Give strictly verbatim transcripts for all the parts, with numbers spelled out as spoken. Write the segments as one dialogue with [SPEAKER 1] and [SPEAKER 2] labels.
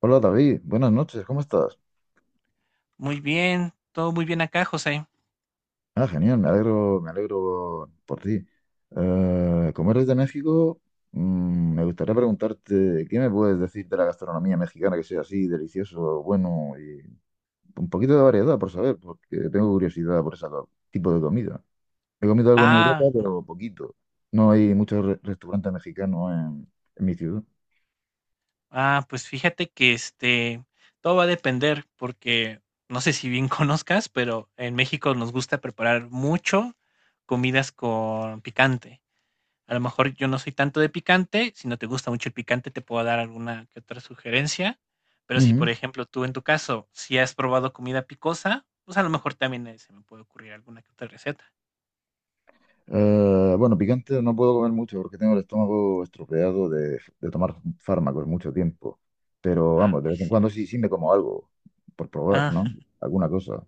[SPEAKER 1] Hola David, buenas noches, ¿cómo estás?
[SPEAKER 2] Muy bien, todo muy bien acá, José.
[SPEAKER 1] Ah, genial, me alegro, me alegro por ti. Eh, como eres de México, mm, me gustaría preguntarte, ¿qué me puedes decir de la gastronomía mexicana que sea así, delicioso, bueno y un poquito de variedad por saber, porque tengo curiosidad por ese tipo de comida? He comido algo en Europa,
[SPEAKER 2] Ah,
[SPEAKER 1] pero poquito. No hay muchos re- restaurantes mexicanos en, en mi ciudad.
[SPEAKER 2] ah, pues fíjate que este, todo va a depender porque no sé si bien conozcas, pero en México nos gusta preparar mucho comidas con picante. A lo mejor yo no soy tanto de picante, si no te gusta mucho el picante te puedo dar alguna que otra sugerencia, pero si por
[SPEAKER 1] Ujú.
[SPEAKER 2] ejemplo tú en tu caso si has probado comida picosa, pues a lo mejor también eh, se me puede ocurrir alguna que otra receta.
[SPEAKER 1] Eh, bueno, picante no puedo comer mucho porque tengo el estómago estropeado de, de tomar fármacos mucho tiempo. Pero
[SPEAKER 2] Ah,
[SPEAKER 1] vamos, de
[SPEAKER 2] ay
[SPEAKER 1] vez en cuando sí,
[SPEAKER 2] cielos.
[SPEAKER 1] sí me como algo por probar, ¿no?
[SPEAKER 2] Ah,
[SPEAKER 1] Alguna cosa.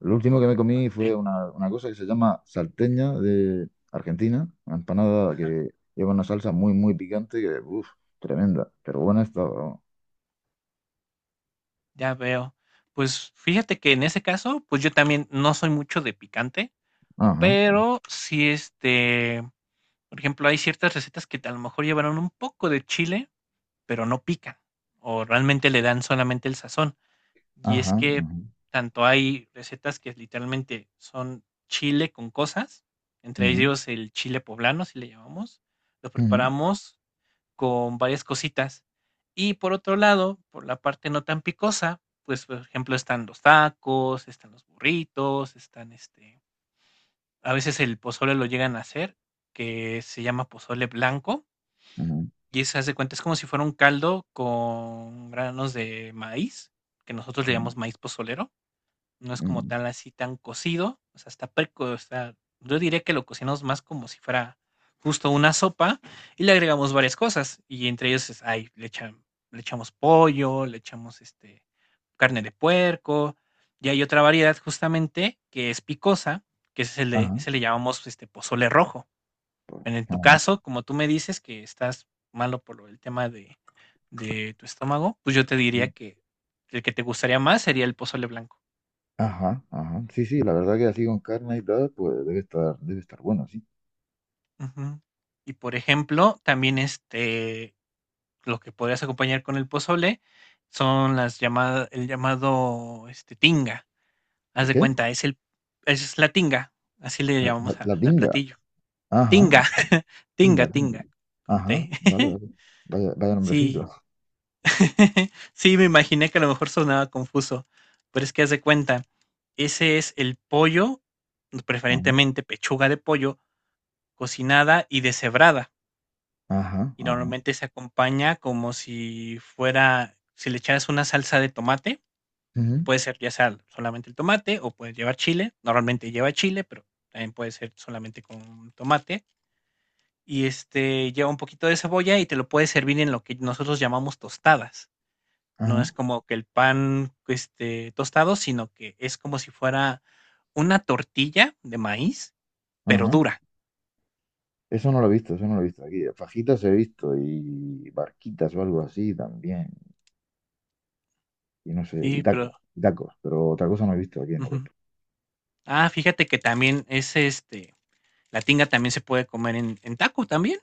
[SPEAKER 1] Lo último que me comí fue una, una cosa que se llama salteña de Argentina, una empanada
[SPEAKER 2] vale.
[SPEAKER 1] que lleva una salsa muy, muy picante que, uff, tremenda, pero buena estaba. Vamos.
[SPEAKER 2] Ya veo. Pues fíjate que en ese caso, pues yo también no soy mucho de picante,
[SPEAKER 1] Ajá,
[SPEAKER 2] pero sí, este, por ejemplo, hay ciertas recetas que a lo mejor llevaron un poco de chile, pero no pican, o realmente le dan solamente el sazón. Y
[SPEAKER 1] ajá,
[SPEAKER 2] es que
[SPEAKER 1] ajá,
[SPEAKER 2] tanto hay recetas que literalmente son chile con cosas, entre
[SPEAKER 1] ujú,
[SPEAKER 2] ellos el chile poblano, si le llamamos, lo
[SPEAKER 1] ujú,
[SPEAKER 2] preparamos con varias cositas. Y por otro lado, por la parte no tan picosa, pues, por ejemplo, están los tacos, están los burritos, están este, a veces el pozole lo llegan a hacer, que se llama pozole blanco,
[SPEAKER 1] ujú,
[SPEAKER 2] y se hace cuenta, es como si fuera un caldo con granos de maíz, que nosotros le
[SPEAKER 1] ujú,
[SPEAKER 2] llamamos maíz pozolero, no es como
[SPEAKER 1] ujú,
[SPEAKER 2] tal así tan cocido, o sea, está preco está, yo diría que lo cocinamos más como si fuera justo una sopa y le agregamos varias cosas, y entre ellos es ay, le echan le echamos pollo, le echamos, este, carne de puerco, y hay otra variedad justamente que es picosa, que ese le
[SPEAKER 1] ajá,
[SPEAKER 2] ese le llamamos, este, pozole rojo. En en
[SPEAKER 1] ajá.
[SPEAKER 2] tu caso, como tú me dices que estás malo por lo del tema de de tu estómago, pues yo te diría que el que te gustaría más sería el pozole blanco.
[SPEAKER 1] Ajá, ajá. Sí, sí, la verdad que así con carne y tal, pues debe estar, debe estar bueno, sí.
[SPEAKER 2] Ujú. Y por ejemplo, también, este, lo que podrías acompañar con el pozole son las llamadas el llamado, este, tinga. Haz
[SPEAKER 1] ¿El
[SPEAKER 2] de
[SPEAKER 1] qué?
[SPEAKER 2] cuenta, es el es la tinga, así le
[SPEAKER 1] La, la,
[SPEAKER 2] llamamos a
[SPEAKER 1] la
[SPEAKER 2] al
[SPEAKER 1] tinga.
[SPEAKER 2] platillo.
[SPEAKER 1] Ajá,
[SPEAKER 2] Tinga,
[SPEAKER 1] ah,
[SPEAKER 2] tinga,
[SPEAKER 1] tinga, tinga.
[SPEAKER 2] tinga, con
[SPEAKER 1] Ajá,
[SPEAKER 2] T.
[SPEAKER 1] vale, vale. Vaya, vaya
[SPEAKER 2] Sí.
[SPEAKER 1] nombrecito.
[SPEAKER 2] Sí, me imaginé que a lo mejor sonaba confuso, pero es que haz de cuenta, ese es el pollo,
[SPEAKER 1] Ajá,
[SPEAKER 2] preferentemente pechuga de pollo cocinada y deshebrada.
[SPEAKER 1] ajá,
[SPEAKER 2] Y
[SPEAKER 1] ajá.
[SPEAKER 2] normalmente se acompaña como si fuera, si le echaras una salsa de tomate, que
[SPEAKER 1] Ujú.
[SPEAKER 2] puede ser ya sea solamente el tomate o puede llevar chile, normalmente lleva chile, pero también puede ser solamente con tomate y este lleva un poquito de cebolla y te lo puedes servir en lo que nosotros llamamos tostadas. No
[SPEAKER 1] Ajá,
[SPEAKER 2] es como que el pan este tostado, sino que es como si fuera una tortilla de maíz, pero
[SPEAKER 1] ajá.
[SPEAKER 2] dura.
[SPEAKER 1] Eso no lo he visto, eso no lo he visto aquí. Fajitas he visto y barquitas o algo así también. Y no sé, y
[SPEAKER 2] Sí,
[SPEAKER 1] tacos,
[SPEAKER 2] pero
[SPEAKER 1] y tacos, pero otra cosa no he visto aquí en
[SPEAKER 2] ujú.
[SPEAKER 1] Europa.
[SPEAKER 2] Ah, fíjate que también es este la tinga también se puede comer en, en taco también.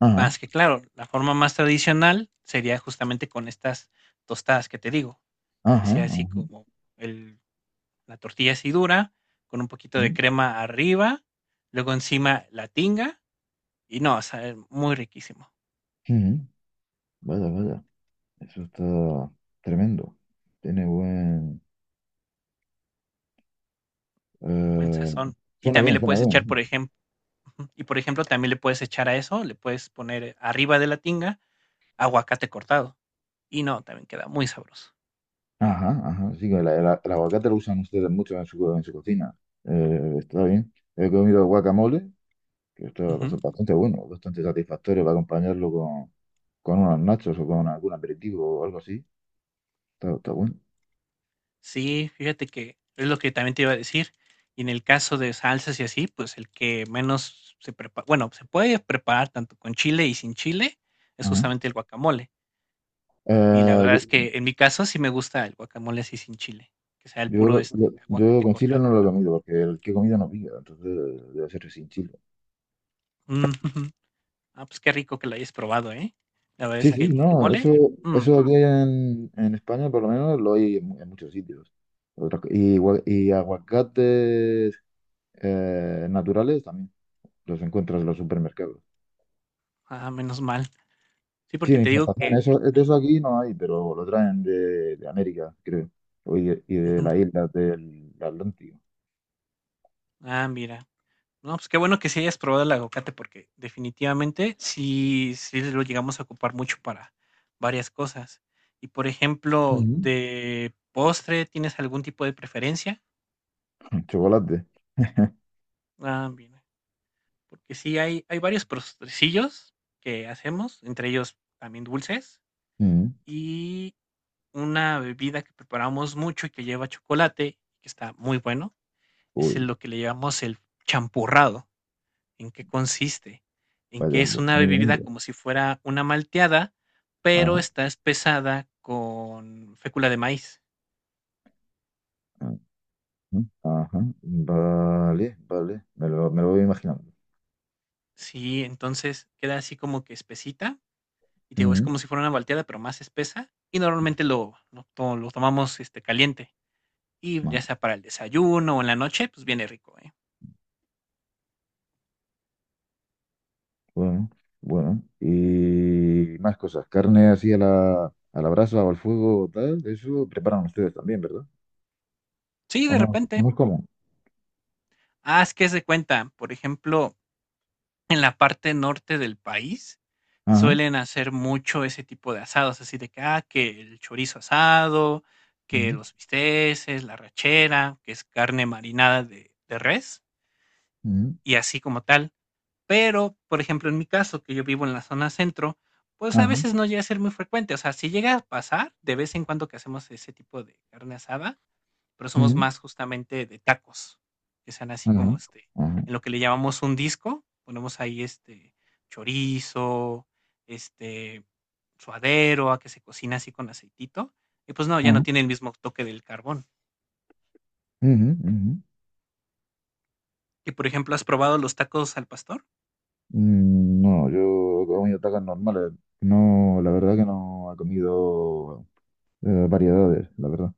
[SPEAKER 1] Ajá,
[SPEAKER 2] Más que claro, la forma más tradicional sería justamente con estas tostadas que te digo, que
[SPEAKER 1] ajá,
[SPEAKER 2] sea así
[SPEAKER 1] ajá.
[SPEAKER 2] como el, la tortilla así dura, con un poquito de
[SPEAKER 1] Ujú,
[SPEAKER 2] crema arriba, luego encima la tinga, y no, o sea, es muy riquísimo,
[SPEAKER 1] ujú. Vaya, vaya. Eso está tremendo. Tiene buen...
[SPEAKER 2] tiene buen
[SPEAKER 1] Eh,
[SPEAKER 2] sazón. Y
[SPEAKER 1] suena
[SPEAKER 2] también
[SPEAKER 1] bien,
[SPEAKER 2] le
[SPEAKER 1] suena
[SPEAKER 2] puedes echar, por
[SPEAKER 1] bien.
[SPEAKER 2] ejemplo, y por ejemplo, también le puedes echar a eso, le puedes poner arriba de la tinga aguacate cortado, y no, también queda muy sabroso.
[SPEAKER 1] Ajá, ajá. Sí, que el, el- el aguacate lo usan ustedes mucho en su, en su cocina. Eh, está bien. He comido guacamole, que esto es
[SPEAKER 2] Ujú.
[SPEAKER 1] bast- bastante bueno, bastante satisfactorio para acompañarlo con, con unos nachos o con algún aperitivo o algo así. Está, está bueno.
[SPEAKER 2] Sí, fíjate que es lo que también te iba a decir. Y en el caso de salsas y así, pues el que menos se prepara, bueno, se puede preparar tanto con chile y sin chile, es
[SPEAKER 1] Ajá.
[SPEAKER 2] justamente el guacamole. Y la
[SPEAKER 1] Eh,
[SPEAKER 2] verdad es que en mi caso sí me gusta el guacamole así sin chile, que sea el
[SPEAKER 1] yo,
[SPEAKER 2] puro
[SPEAKER 1] yo, yo-
[SPEAKER 2] este
[SPEAKER 1] yo
[SPEAKER 2] aguacate
[SPEAKER 1] con chile
[SPEAKER 2] cortado.
[SPEAKER 1] no lo he comido porque el que he comido no pica, entonces debe ser sin chile.
[SPEAKER 2] Mm, ujú. Ah, pues qué rico que lo hayas probado, ¿eh? La verdad es
[SPEAKER 1] Sí,
[SPEAKER 2] que
[SPEAKER 1] sí,
[SPEAKER 2] el
[SPEAKER 1] no,
[SPEAKER 2] guacamole,
[SPEAKER 1] eso,
[SPEAKER 2] mm,
[SPEAKER 1] eso aquí en, en España por lo menos lo hay en, mu- en muchos sitios. Otra co- y, gua- y aguacates eh, naturales también los encuentras en los supermercados.
[SPEAKER 2] ah, menos mal. Sí,
[SPEAKER 1] Sí,
[SPEAKER 2] porque
[SPEAKER 1] de
[SPEAKER 2] te digo
[SPEAKER 1] importación,
[SPEAKER 2] que...
[SPEAKER 1] eso, de
[SPEAKER 2] eh,
[SPEAKER 1] eso aquí no hay, pero lo traen de, de América, creo, o y de, y de
[SPEAKER 2] ujú.
[SPEAKER 1] las islas del Atlántico.
[SPEAKER 2] Ah, mira. No, pues qué bueno que sí hayas probado el aguacate porque definitivamente sí, sí lo llegamos a ocupar mucho para varias cosas. Y por ejemplo,
[SPEAKER 1] Ujú.
[SPEAKER 2] de postre, ¿tienes algún tipo de preferencia?
[SPEAKER 1] Chocolate.
[SPEAKER 2] Ah, bien. Porque sí hay, hay varios postrecillos que hacemos, entre ellos también dulces,
[SPEAKER 1] Mm.
[SPEAKER 2] y una bebida que preparamos mucho y que lleva chocolate, que está muy bueno, es el-
[SPEAKER 1] Uy,
[SPEAKER 2] lo que le llamamos el champurrado. ¿En qué consiste? En que
[SPEAKER 1] vaya,
[SPEAKER 2] es una
[SPEAKER 1] vaya
[SPEAKER 2] bebida
[SPEAKER 1] nombre.
[SPEAKER 2] como si fuera una malteada, pero
[SPEAKER 1] Ajá,
[SPEAKER 2] está espesada con fécula de maíz.
[SPEAKER 1] ajá, ajá. Vale, vale, me lo, me lo voy imaginando.
[SPEAKER 2] Sí, entonces queda así como que espesita. Y te digo, es
[SPEAKER 1] Mm.
[SPEAKER 2] como si fuera una malteada, pero más espesa. Y normalmente lo, lo, to- lo tomamos este, caliente. Y ya sea para el desayuno o en la noche, pues viene rico, ¿eh?
[SPEAKER 1] Bueno, bueno. Y más cosas. Carne así a la, a la brasa o al fuego, tal. Eso preparan ustedes también, ¿verdad?
[SPEAKER 2] Sí,
[SPEAKER 1] ¿O
[SPEAKER 2] de
[SPEAKER 1] no?
[SPEAKER 2] repente.
[SPEAKER 1] ¿No es común?
[SPEAKER 2] Ah, es que es de cuenta. Por ejemplo, en la parte norte del país
[SPEAKER 1] Ajá.
[SPEAKER 2] suelen hacer mucho ese tipo de asados, así de que, ah, que el chorizo asado, que
[SPEAKER 1] Ujú,
[SPEAKER 2] los bisteces, la rachera, que es carne marinada de, de res
[SPEAKER 1] ujú.
[SPEAKER 2] y así como tal. Pero, por ejemplo, en mi caso, que yo vivo en la zona centro, pues a
[SPEAKER 1] Ajá.
[SPEAKER 2] veces no llega a ser muy frecuente. O sea, si llega a pasar de vez en cuando que hacemos ese tipo de carne asada, pero somos
[SPEAKER 1] Ujú.
[SPEAKER 2] más justamente de tacos, que sean así
[SPEAKER 1] Ajá.
[SPEAKER 2] como, este,
[SPEAKER 1] Ajá.
[SPEAKER 2] en lo que le llamamos un disco, ponemos ahí, este, chorizo, este, suadero, a que se cocina así con aceitito, y pues no, ya no
[SPEAKER 1] Ajá.
[SPEAKER 2] tiene el mismo toque del carbón.
[SPEAKER 1] Ujú, ujú.
[SPEAKER 2] Y por ejemplo, ¿has probado los tacos al pastor?
[SPEAKER 1] Mm. No, yo he comido tacos normales. No, la verdad que no he comido eh, variedades, la verdad.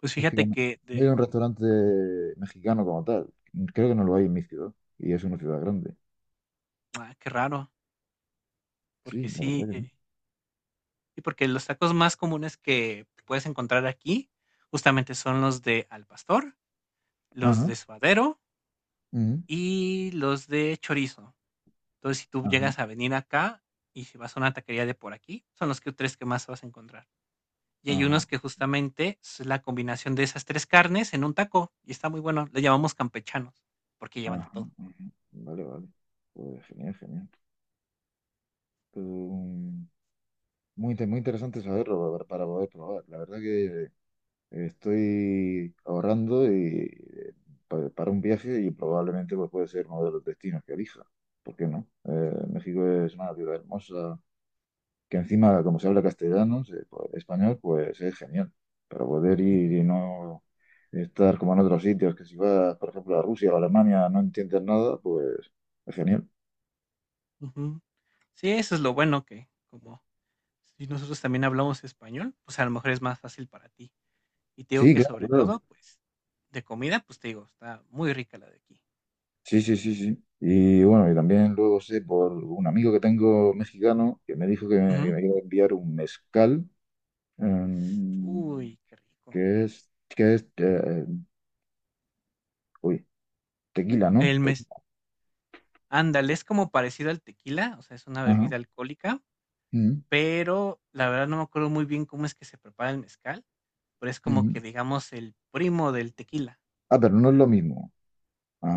[SPEAKER 2] Pues
[SPEAKER 1] Es que
[SPEAKER 2] fíjate
[SPEAKER 1] no
[SPEAKER 2] que
[SPEAKER 1] no hay
[SPEAKER 2] de
[SPEAKER 1] un restaurante mexicano como tal. Creo que no lo hay en mi ciudad. Y es una ciudad grande.
[SPEAKER 2] ah, qué raro, porque
[SPEAKER 1] Sí, la verdad
[SPEAKER 2] sí,
[SPEAKER 1] que no.
[SPEAKER 2] eh, y porque los tacos más comunes que puedes encontrar aquí justamente son los de al pastor, los
[SPEAKER 1] Ajá.
[SPEAKER 2] de suadero y los de chorizo. Entonces, si tú
[SPEAKER 1] Ajá,
[SPEAKER 2] llegas a venir acá y si vas a una taquería de por aquí, son los que tres que más vas a encontrar. Y hay
[SPEAKER 1] ajá,
[SPEAKER 2] unos que justamente es la combinación de esas tres carnes en un taco y está muy bueno. Le llamamos campechanos porque llevan de
[SPEAKER 1] ajá,
[SPEAKER 2] todo.
[SPEAKER 1] ajá. Vale, vale. Pues genial, genial. Pero, mm, muy, inte- muy interesante saberlo pa- para poder probar. La verdad que estoy ahorrando y eh, pa- para un viaje y probablemente pues, puede ser uno de los destinos que elija. ¿Por qué no? Eh, México es una ciudad hermosa, que encima, como se habla castellano, se- pues, español, pues es genial. Para poder
[SPEAKER 2] Ujú,
[SPEAKER 1] ir y no estar como en otros sitios, que si vas, por ejemplo, a Rusia o a Alemania, no entiendes nada, pues es genial.
[SPEAKER 2] ujú. Sí, eso es lo bueno que como si nosotros también hablamos español, pues a lo mejor es más fácil para ti. Y te digo
[SPEAKER 1] Sí,
[SPEAKER 2] que
[SPEAKER 1] claro,
[SPEAKER 2] sobre
[SPEAKER 1] claro.
[SPEAKER 2] todo, pues de comida, pues te digo, está muy rica la de aquí.
[SPEAKER 1] Sí, sí, sí, sí. Y bueno, y también luego sé por un amigo que tengo mexicano que me dijo que me, que
[SPEAKER 2] Ujú.
[SPEAKER 1] me iba a enviar un mezcal, em,
[SPEAKER 2] Uy, qué rico.
[SPEAKER 1] que es, que es, eh, uy, tequila, ¿no?
[SPEAKER 2] El mes
[SPEAKER 1] Tequila.
[SPEAKER 2] Ándale, es como parecido al tequila, o sea, es una
[SPEAKER 1] Ajá.
[SPEAKER 2] bebida alcohólica,
[SPEAKER 1] Ujú,
[SPEAKER 2] pero la verdad no me acuerdo muy bien cómo es que se prepara el mezcal, pero es como que
[SPEAKER 1] ujú.
[SPEAKER 2] digamos el primo del tequila.
[SPEAKER 1] Ah, pero no es lo mismo.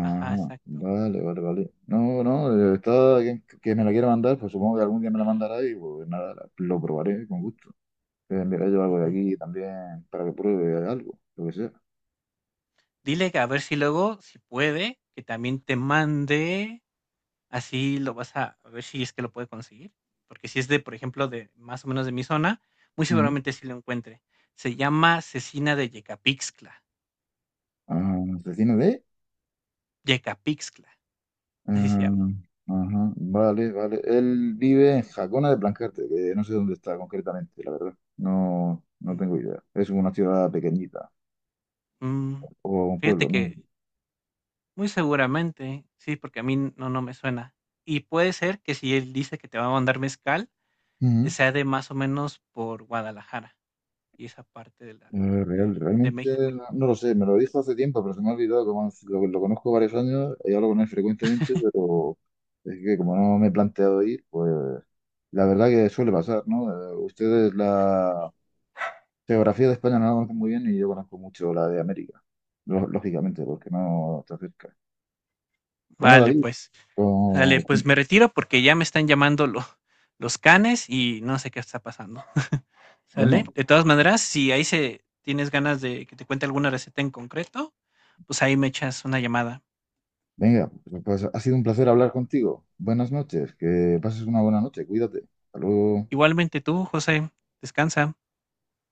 [SPEAKER 2] Ajá, exacto.
[SPEAKER 1] vale, vale, vale. No, no, eh, está quien que me la quiera mandar, pues supongo que algún día me la mandará y pues nada, la- lo probaré con gusto. Eh, mira, yo algo de
[SPEAKER 2] Ujú.
[SPEAKER 1] aquí también para que pruebe algo, lo que sea.
[SPEAKER 2] Dile que a ver si luego, si puede, que también te mande, así lo vas a, a ver si es que lo puede conseguir, porque si es de, por ejemplo, de más o menos de mi zona, muy
[SPEAKER 1] Ujú.
[SPEAKER 2] seguramente sí lo encuentre. Se llama cecina de Yecapixtla,
[SPEAKER 1] Ah, ¿vecino de?
[SPEAKER 2] Yecapixtla, así se llama.
[SPEAKER 1] Ah, ajá, vale, vale. Él vive en Jacona de Plancarte, que no sé dónde está concretamente, la verdad. No, no
[SPEAKER 2] Mm,
[SPEAKER 1] tengo idea. Es una ciudad pequeñita
[SPEAKER 2] mm.
[SPEAKER 1] o un
[SPEAKER 2] Fíjate
[SPEAKER 1] pueblo, ¿no?
[SPEAKER 2] que muy seguramente, sí, porque a mí no, no me suena. Y puede ser que si él dice que te va a mandar mezcal, eh,
[SPEAKER 1] Ujú.
[SPEAKER 2] sea de más o menos por Guadalajara y esa parte de la
[SPEAKER 1] Eh,
[SPEAKER 2] de,
[SPEAKER 1] real-
[SPEAKER 2] de
[SPEAKER 1] Realmente
[SPEAKER 2] México.
[SPEAKER 1] no, no lo sé, me lo dijo hace tiempo, pero se me ha olvidado, como lo, lo conozco varios años y hablo con él frecuentemente, pero es que como no me he planteado ir, pues la verdad que suele pasar, ¿no? Eh, ustedes la geografía de España no la conocen muy bien y yo conozco mucho la de América, lo- lógicamente, porque no está cerca. Bueno,
[SPEAKER 2] Vale,
[SPEAKER 1] David,
[SPEAKER 2] pues, dale,
[SPEAKER 1] con-
[SPEAKER 2] pues me retiro porque ya me están llamando lo- los canes y no sé qué está pasando. ¿Sale?
[SPEAKER 1] bueno,
[SPEAKER 2] De todas maneras, si ahí se tienes ganas de que te cuente alguna receta en concreto, pues ahí me echas una llamada.
[SPEAKER 1] venga, pues ha sido un placer hablar contigo. Buenas noches, que pases una buena noche, cuídate. Hasta luego.
[SPEAKER 2] Igualmente tú, José, descansa.